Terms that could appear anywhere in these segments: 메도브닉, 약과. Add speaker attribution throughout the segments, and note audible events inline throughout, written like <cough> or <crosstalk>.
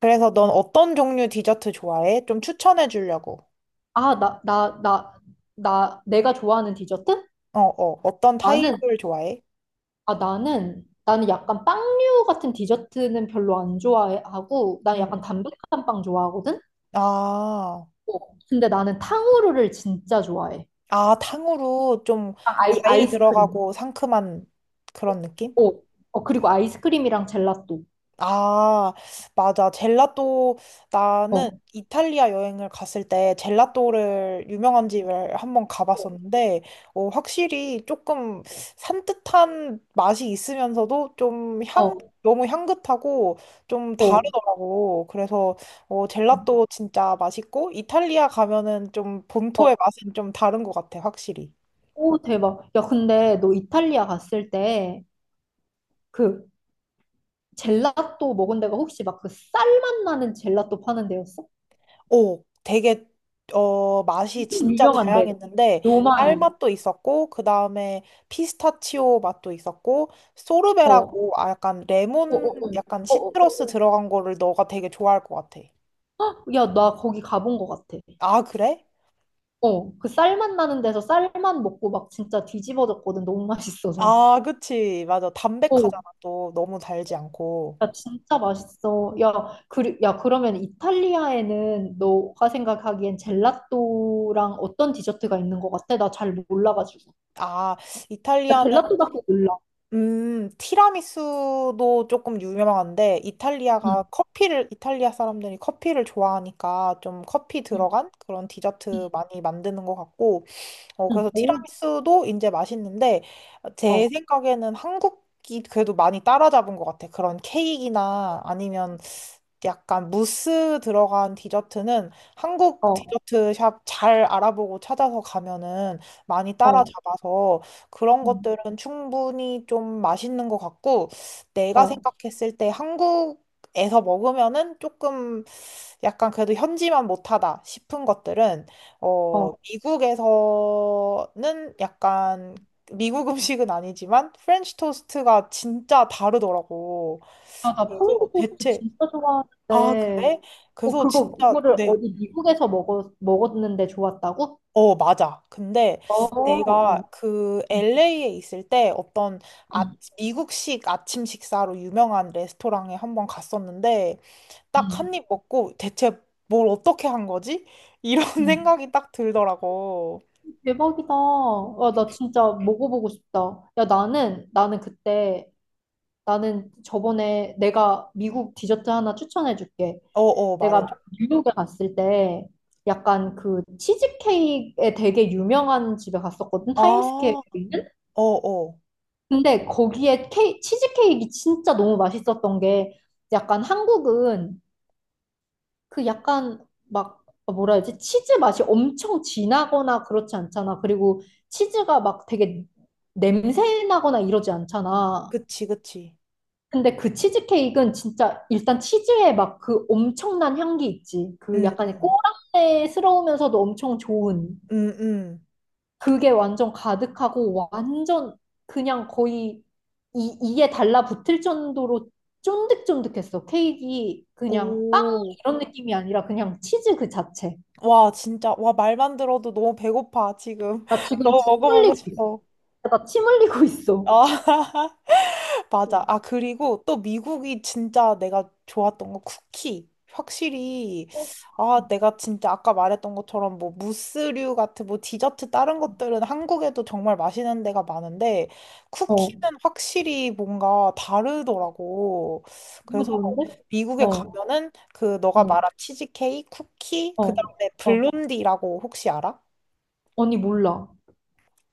Speaker 1: 그래서 넌 어떤 종류 디저트 좋아해? 좀 추천해 주려고.
Speaker 2: 아, 내가 좋아하는 디저트? 어.
Speaker 1: 어, 어. 어떤
Speaker 2: 나는,
Speaker 1: 타입을 좋아해?
Speaker 2: 나는 약간 빵류 같은 디저트는 별로 안 좋아하고, 난 약간
Speaker 1: 음.
Speaker 2: 담백한 빵 좋아하거든?
Speaker 1: 아,
Speaker 2: 어. 근데 나는 탕후루를 진짜 좋아해.
Speaker 1: 아, 탕후루 좀
Speaker 2: 아,
Speaker 1: 과일
Speaker 2: 아이스크림.
Speaker 1: 들어가고 상큼한 그런 느낌?
Speaker 2: 어, 어, 그리고 아이스크림이랑 젤라또.
Speaker 1: 아, 맞아. 젤라또, 나는
Speaker 2: 어,
Speaker 1: 이탈리아 여행을 갔을 때 젤라또를 유명한 집을 한번 가봤었는데, 어, 확실히 조금 산뜻한 맛이 있으면서도 좀 향,
Speaker 2: 어,
Speaker 1: 너무 향긋하고 좀
Speaker 2: 어,
Speaker 1: 다르더라고. 그래서 어, 젤라또 진짜 맛있고, 이탈리아 가면은 좀
Speaker 2: 어.
Speaker 1: 본토의 맛은 좀 다른 것 같아, 확실히.
Speaker 2: 오, 대박. 야, 근데 너 이탈리아 갔을 때, 그, 젤라또 먹은 데가 혹시 막 그 쌀맛 나는 젤라또 파는 데였어?
Speaker 1: 오, 되게 어 맛이 진짜
Speaker 2: 유명한데
Speaker 1: 다양했는데
Speaker 2: 요만해.
Speaker 1: 딸맛도 있었고 그 다음에 피스타치오 맛도 있었고
Speaker 2: 어, 어,
Speaker 1: 소르베라고 아 약간
Speaker 2: 어,
Speaker 1: 레몬
Speaker 2: 어,
Speaker 1: 약간
Speaker 2: 어, 어,
Speaker 1: 시트러스
Speaker 2: 어.
Speaker 1: 들어간 거를 너가 되게 좋아할 것 같아.
Speaker 2: 야, 나 거기 가본 것 같아.
Speaker 1: 아, 그래?
Speaker 2: 어, 그 쌀맛 나는 데서 쌀만 먹고 막 진짜 뒤집어졌거든. 너무 맛있어서.
Speaker 1: 아 그치 맞아
Speaker 2: 어,
Speaker 1: 담백하잖아 또 너무 달지 않고.
Speaker 2: 야, 진짜 맛있어. 야, 그러면 이탈리아에는 너가 생각하기엔 젤라또랑 어떤 디저트가 있는 것 같아? 나 잘 몰라가지고.
Speaker 1: 아
Speaker 2: 나
Speaker 1: 이탈리아는
Speaker 2: 젤라또밖에 몰라.
Speaker 1: 티라미수도 조금 유명한데, 이탈리아가
Speaker 2: 응,
Speaker 1: 커피를, 이탈리아 사람들이 커피를 좋아하니까 좀 커피
Speaker 2: 응,
Speaker 1: 들어간 그런
Speaker 2: 응,
Speaker 1: 디저트 많이 만드는 것 같고, 어,
Speaker 2: 응.
Speaker 1: 그래서
Speaker 2: 오,
Speaker 1: 티라미수도 이제 맛있는데, 제
Speaker 2: 어,
Speaker 1: 생각에는 한국이 그래도 많이 따라잡은 것 같아. 그런 케이크나 아니면 약간 무스 들어간 디저트는 한국
Speaker 2: 어,
Speaker 1: 디저트 샵 잘 알아보고 찾아서 가면은 많이
Speaker 2: 어,
Speaker 1: 따라잡아서 그런
Speaker 2: 응,
Speaker 1: 것들은 충분히 좀 맛있는 것 같고 내가
Speaker 2: 어,
Speaker 1: 생각했을 때 한국에서 먹으면은 조금 약간 그래도 현지만 못하다 싶은 것들은 어
Speaker 2: 어.
Speaker 1: 미국에서는 약간 미국 음식은 아니지만 프렌치 토스트가 진짜 다르더라고.
Speaker 2: 아, 나 토마토
Speaker 1: 그래서
Speaker 2: 소스
Speaker 1: 대체
Speaker 2: 진짜
Speaker 1: 아,
Speaker 2: 좋아하는데,
Speaker 1: 그래?
Speaker 2: 어,
Speaker 1: 그래서
Speaker 2: 그거,
Speaker 1: 진짜,
Speaker 2: 그거를
Speaker 1: 네.
Speaker 2: 어디 미국에서 먹었는데 좋았다고?
Speaker 1: 어, 맞아. 근데
Speaker 2: 어, 어.
Speaker 1: 내가 그
Speaker 2: 응,
Speaker 1: LA에 있을 때 어떤 아,
Speaker 2: 응,
Speaker 1: 미국식 아침 식사로 유명한 레스토랑에 한번 갔었는데 딱
Speaker 2: 응.
Speaker 1: 한 입 먹고 대체 뭘 어떻게 한 거지? 이런
Speaker 2: 응.
Speaker 1: <laughs> 생각이 딱 들더라고.
Speaker 2: 대박이다. 아, 나 진짜 먹어보고 싶다. 야, 나는 저번에 내가 미국 디저트 하나 추천해줄게.
Speaker 1: 어, 어,
Speaker 2: 내가
Speaker 1: 말해줘.
Speaker 2: 뉴욕에 갔을 때, 약간 그 치즈케이크에 되게 유명한 집에 갔었거든.
Speaker 1: 아,
Speaker 2: 타임스퀘어에 있는?
Speaker 1: 어, 어.
Speaker 2: 근데 거기에 치즈케이크가 진짜 너무 맛있었던 게 약간 한국은 그 약간 막 뭐라 해야지 치즈 맛이 엄청 진하거나 그렇지 않잖아. 그리고 치즈가 막 되게 냄새 나거나 이러지 않잖아.
Speaker 1: 그치, 그치.
Speaker 2: 근데 그 치즈케이크는 진짜 일단 치즈에 막 그 엄청난 향기 있지. 그
Speaker 1: 응,
Speaker 2: 약간 꼬랑내스러우면서도 엄청 좋은.
Speaker 1: 응, 응. 응.
Speaker 2: 그게 완전 가득하고 완전 그냥 거의 이에 달라붙을 정도로 쫀득쫀득했어. 케이크가 그냥 빵
Speaker 1: 오.
Speaker 2: 이런 느낌이 아니라 그냥 치즈 그 자체.
Speaker 1: 와, 진짜. 와, 말만 들어도 너무 배고파, 지금.
Speaker 2: 나
Speaker 1: <laughs>
Speaker 2: 지금
Speaker 1: 너무
Speaker 2: 침
Speaker 1: 먹어보고
Speaker 2: 흘리고 있어.
Speaker 1: 싶어.
Speaker 2: 나 침 흘리고 있어.
Speaker 1: 아, <laughs> 맞아.
Speaker 2: 음.
Speaker 1: 아, 그리고 또 미국이 진짜 내가 좋았던 거 쿠키. 확실히, 아, 내가 진짜 아까 말했던 것처럼 뭐 무스류 같은 뭐 디저트 다른 것들은 한국에도 정말 맛있는 데가 많은데
Speaker 2: 어,
Speaker 1: 쿠키는 확실히 뭔가 다르더라고.
Speaker 2: 너무
Speaker 1: 그래서
Speaker 2: 좋은데?
Speaker 1: 미국에
Speaker 2: 어,
Speaker 1: 가면은 그 너가
Speaker 2: 어,
Speaker 1: 말한 치즈케이크, 쿠키,
Speaker 2: 어,
Speaker 1: 그 다음에
Speaker 2: 어.
Speaker 1: 블론디라고 혹시 알아?
Speaker 2: 언니 몰라.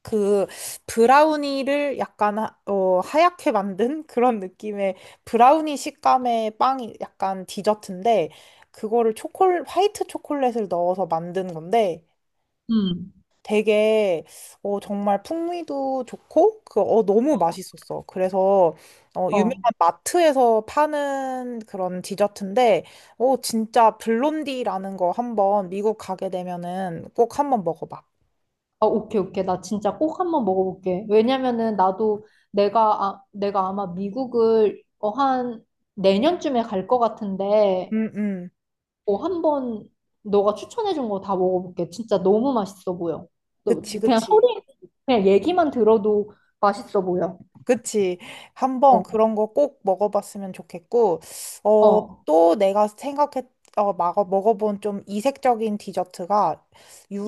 Speaker 1: 그 브라우니를 약간 하, 어, 하얗게 만든 <laughs> 그런 느낌의 브라우니 식감의 빵이 약간 디저트인데 그거를 초콜 화이트 초콜릿을 넣어서 만든 건데
Speaker 2: 음.
Speaker 1: 되게 어, 정말 풍미도 좋고 그 어, 너무 맛있었어. 그래서 어, 유명한
Speaker 2: 어.
Speaker 1: 마트에서 파는 그런 디저트인데 어, 진짜 블론디라는 거 한번 미국 가게 되면은 꼭 한번 먹어봐.
Speaker 2: 아, 오케이, 오케이. 나 진짜 꼭 한번 먹어볼게. 왜냐면은 나도 내가 아마 미국을 한 내년쯤에 갈 것 같은데,
Speaker 1: 음, 음.
Speaker 2: 어, 한번 너가 추천해준 거 다 먹어볼게. 진짜 너무 맛있어 보여. 너,
Speaker 1: 그치,
Speaker 2: 그냥
Speaker 1: 그치.
Speaker 2: 소리, 그냥 얘기만 들어도 맛있어 보여.
Speaker 1: 그치. 한번
Speaker 2: 어,
Speaker 1: 그런 거 꼭 먹어봤으면 좋겠고, 어,
Speaker 2: 어,
Speaker 1: 또 내가 생각했, 어, 막어 먹어본 좀 이색적인 디저트가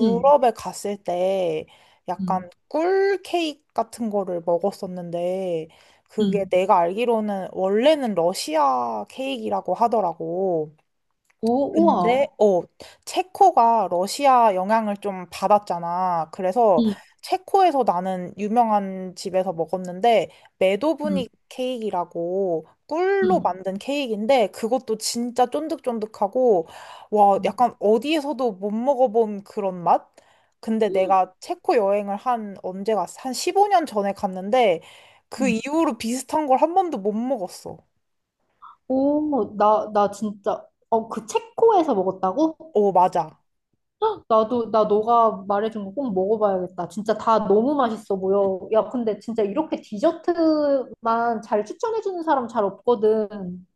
Speaker 2: 응,
Speaker 1: 갔을 때 약간
Speaker 2: 응,
Speaker 1: 꿀 케이크 같은 거를 먹었었는데, 그게
Speaker 2: 응.
Speaker 1: 내가 알기로는 원래는 러시아 케이크라고 하더라고.
Speaker 2: 오,
Speaker 1: 근데
Speaker 2: 우와.
Speaker 1: 어 체코가 러시아 영향을 좀 받았잖아. 그래서
Speaker 2: 응,
Speaker 1: 체코에서 나는 유명한 집에서 먹었는데
Speaker 2: 응,
Speaker 1: 메도브닉 케이크라고 꿀로
Speaker 2: 응.
Speaker 1: 만든 케이크인데 그것도 진짜 쫀득쫀득하고 와
Speaker 2: 응.
Speaker 1: 약간 어디에서도 못 먹어본 그런 맛? 근데
Speaker 2: 음,
Speaker 1: 내가 체코 여행을 한 언제 갔어? 한 15년 전에 갔는데 그
Speaker 2: 음.
Speaker 1: 이후로 비슷한 걸 한 번도 못 먹었어.
Speaker 2: 오, 그 체코에서 먹었다고?
Speaker 1: 어 맞아.
Speaker 2: 헉, 나도 나 너가 말해준 거 꼭 먹어봐야겠다. 진짜 다 너무 맛있어 보여. 야, 근데 진짜 이렇게 디저트만 잘 추천해주는 사람 잘 없거든.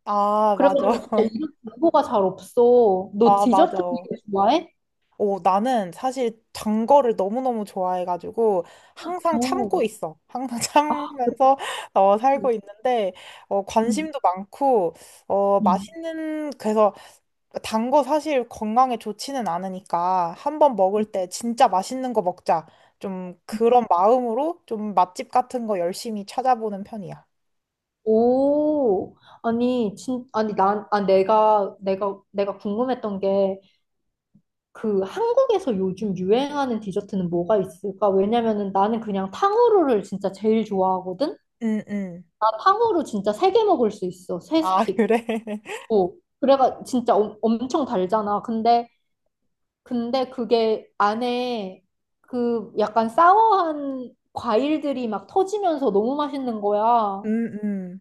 Speaker 1: 아 맞아.
Speaker 2: 그래가지고 진짜
Speaker 1: <laughs>
Speaker 2: 이런 정보가 잘 없어. 너
Speaker 1: 아
Speaker 2: 디저트
Speaker 1: 맞아.
Speaker 2: 되게 좋아해?
Speaker 1: 오, 나는 사실 단 거를 너무너무 좋아해가지고 항상
Speaker 2: 오,
Speaker 1: 참고 있어. 항상
Speaker 2: 아, 그래?
Speaker 1: <laughs> 참으면서 어, 살고 있는데 어,
Speaker 2: 응,
Speaker 1: 관심도 많고 어,
Speaker 2: 응.
Speaker 1: 맛있는 그래서 단거 사실 건강에 좋지는 않으니까 한 번 먹을 때 진짜 맛있는 거 먹자. 좀
Speaker 2: 응.
Speaker 1: 그런 마음으로 좀 맛집 같은 거 열심히 찾아보는 편이야.
Speaker 2: 오, 아니, 진, 아니, 난, 아, 내가, 내가, 내가 궁금했던 게, 그 한국에서 요즘 유행하는 디저트는 뭐가 있을까? 왜냐면은 나는 그냥 탕후루를 진짜 제일 좋아하거든?
Speaker 1: 음, 음.
Speaker 2: 나 탕후루 진짜 세 개 먹을 수 있어. 세
Speaker 1: 아,
Speaker 2: 스틱.
Speaker 1: 그래? <laughs>
Speaker 2: 어. 그래가 진짜 엄청 달잖아. 근데 그게 안에 그 약간 사워한 과일들이 막 터지면서 너무 맛있는 거야. 어,
Speaker 1: 음, 음.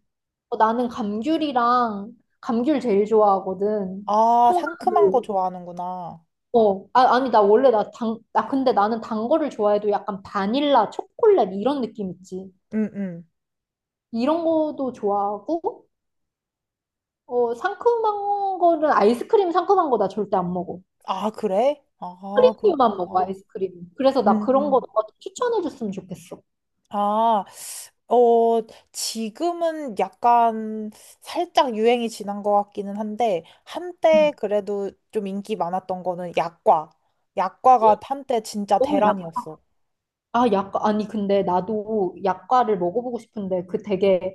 Speaker 2: 나는 감귤 제일 좋아하거든.
Speaker 1: 아, 상큼한 거
Speaker 2: 통감귤.
Speaker 1: 좋아하는구나.
Speaker 2: 어, 아, 아니, 나 원래 나 당, 나 근데 나는 단 거를 좋아해도 약간 바닐라, 초콜릿 이런 느낌 있지.
Speaker 1: 음, 음.
Speaker 2: 이런 거도 좋아하고, 어, 상큼한 거는 아이스크림 상큼한 거 나 절대 안 먹어.
Speaker 1: 아, 그래? 아,
Speaker 2: 크림류만 먹어,
Speaker 1: 그렇구나.
Speaker 2: 아이스크림. 그래서
Speaker 1: 음.
Speaker 2: 나 그런 거
Speaker 1: 음.
Speaker 2: 너가 좀 추천해 줬으면 좋겠어.
Speaker 1: 아, 어, 지금은 약간 살짝 유행이 지난 것 같기는 한데,
Speaker 2: 응.
Speaker 1: 한때 그래도 좀 인기 많았던 거는 약과. 약과가 한때 진짜
Speaker 2: 어,
Speaker 1: 대란이었어.
Speaker 2: 약과. 아니, 근데 나도 약과를 먹어보고 싶은데 그 되게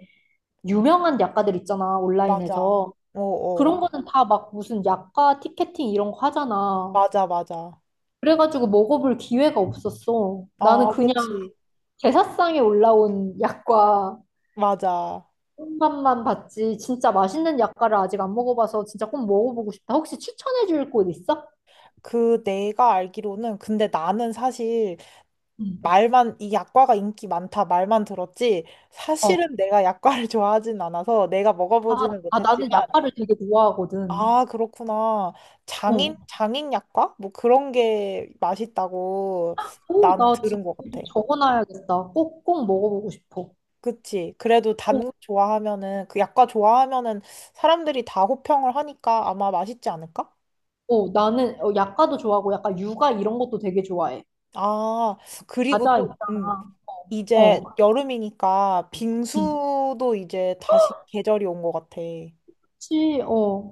Speaker 2: 유명한 약과들 있잖아,
Speaker 1: 맞아.
Speaker 2: 온라인에서.
Speaker 1: 어어.
Speaker 2: 그런 거는 다 막 무슨 약과 티켓팅 이런 거 하잖아.
Speaker 1: 맞아, 맞아.
Speaker 2: 그래가지고 먹어볼 기회가 없었어. 나는
Speaker 1: 아,
Speaker 2: 그냥
Speaker 1: 그치.
Speaker 2: 제사상에 올라온 약과
Speaker 1: 맞아.
Speaker 2: 맛만 봤지. 진짜 맛있는 약과를 아직 안 먹어봐서 진짜 꼭 먹어보고 싶다. 혹시 추천해줄 곳 있어?
Speaker 1: 그 내가 알기로는, 근데 나는 사실
Speaker 2: 응
Speaker 1: 말만 이 약과가 인기 많다 말만 들었지
Speaker 2: 어.
Speaker 1: 사실은 내가 약과를 <laughs> 좋아하진 않아서 내가
Speaker 2: 아,
Speaker 1: 먹어보지는
Speaker 2: 아,
Speaker 1: 못했지만
Speaker 2: 나는 약과를 되게 좋아하거든.
Speaker 1: 아 그렇구나 장인
Speaker 2: 어.
Speaker 1: 장인 약과 뭐 그런 게 맛있다고
Speaker 2: 오,
Speaker 1: 나는
Speaker 2: 나
Speaker 1: 들은
Speaker 2: 지금
Speaker 1: 것
Speaker 2: 또
Speaker 1: 같아.
Speaker 2: 적어놔야겠다. 꼭, 꼭 먹어보고 싶어.
Speaker 1: 그치. 그래도 단
Speaker 2: 어,
Speaker 1: 거 좋아하면은 그 약과 좋아하면은 사람들이 다 호평을 하니까 아마 맛있지 않을까?
Speaker 2: 어, 나는 약과도 좋아하고 약간 육아 이런 것도 되게 좋아해.
Speaker 1: 아 그리고
Speaker 2: 과자
Speaker 1: 또
Speaker 2: 있잖아.
Speaker 1: 이제
Speaker 2: 어.
Speaker 1: 여름이니까
Speaker 2: 응.
Speaker 1: 빙수도 이제 다시 계절이 온 것 같아.
Speaker 2: 그치, 어.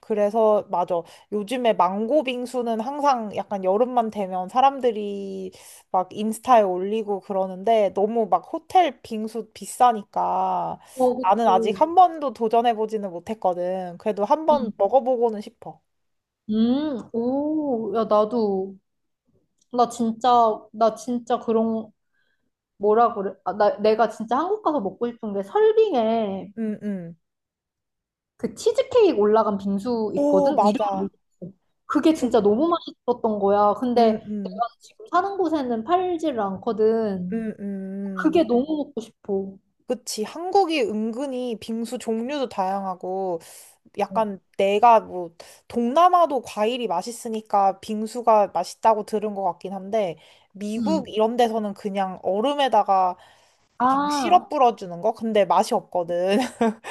Speaker 1: 그래서 맞아. 요즘에 망고 빙수는 항상 약간 여름만 되면 사람들이 막 인스타에 올리고 그러는데 너무 막 호텔 빙수 비싸니까
Speaker 2: 어,
Speaker 1: 나는 아직
Speaker 2: 그치.
Speaker 1: 한 번도 도전해보지는 못했거든. 그래도 한 번
Speaker 2: 응.
Speaker 1: 먹어보고는 싶어.
Speaker 2: 오, 야, 나도, 나 진짜, 나 진짜 그런, 뭐라 그래. 아, 내가 진짜 한국 가서 먹고 싶은 게 설빙에
Speaker 1: 음, 음.
Speaker 2: 그 치즈케이크 올라간 빙수
Speaker 1: 오,
Speaker 2: 있거든? 이름을
Speaker 1: 맞아.
Speaker 2: 모르겠어. 그게
Speaker 1: 그,
Speaker 2: 진짜 너무 맛있었던 거야. 근데
Speaker 1: 음,
Speaker 2: 내가
Speaker 1: 음,
Speaker 2: 지금 사는 곳에는 팔지를 않거든.
Speaker 1: 음.
Speaker 2: 그게 너무 먹고 싶어.
Speaker 1: 그치. 한국이 은근히 빙수 종류도 다양하고,
Speaker 2: 어,
Speaker 1: 약간 내가 뭐, 동남아도 과일이 맛있으니까 빙수가 맛있다고 들은 것 같긴 한데, 미국
Speaker 2: 음.
Speaker 1: 이런 데서는 그냥 얼음에다가 그냥
Speaker 2: 아,
Speaker 1: 시럽 뿌려주는 거? 근데 맛이 없거든. <laughs>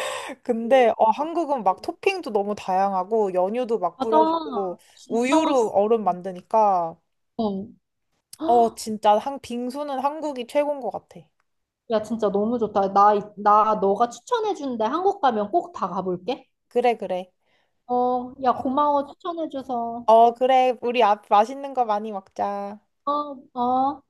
Speaker 1: 근데 어, 한국은 막 토핑도 너무 다양하고, 연유도 막
Speaker 2: 어, 맞아.
Speaker 1: 뿌려주고,
Speaker 2: 진짜
Speaker 1: 우유로
Speaker 2: 맛있어.
Speaker 1: 얼음 만드니까,
Speaker 2: 어.
Speaker 1: 어, 진짜 한, 빙수는 한국이 최고인 것 같아.
Speaker 2: 야, 진짜 너무 좋다. 나 너가 추천해준 데 한국 가면 꼭 다 가볼게.
Speaker 1: 그래, 그래.
Speaker 2: 어, 야, 고마워. 추천해줘서.
Speaker 1: 어, 그래. 우리 앞 맛있는 거 많이 먹자.
Speaker 2: 어, 어.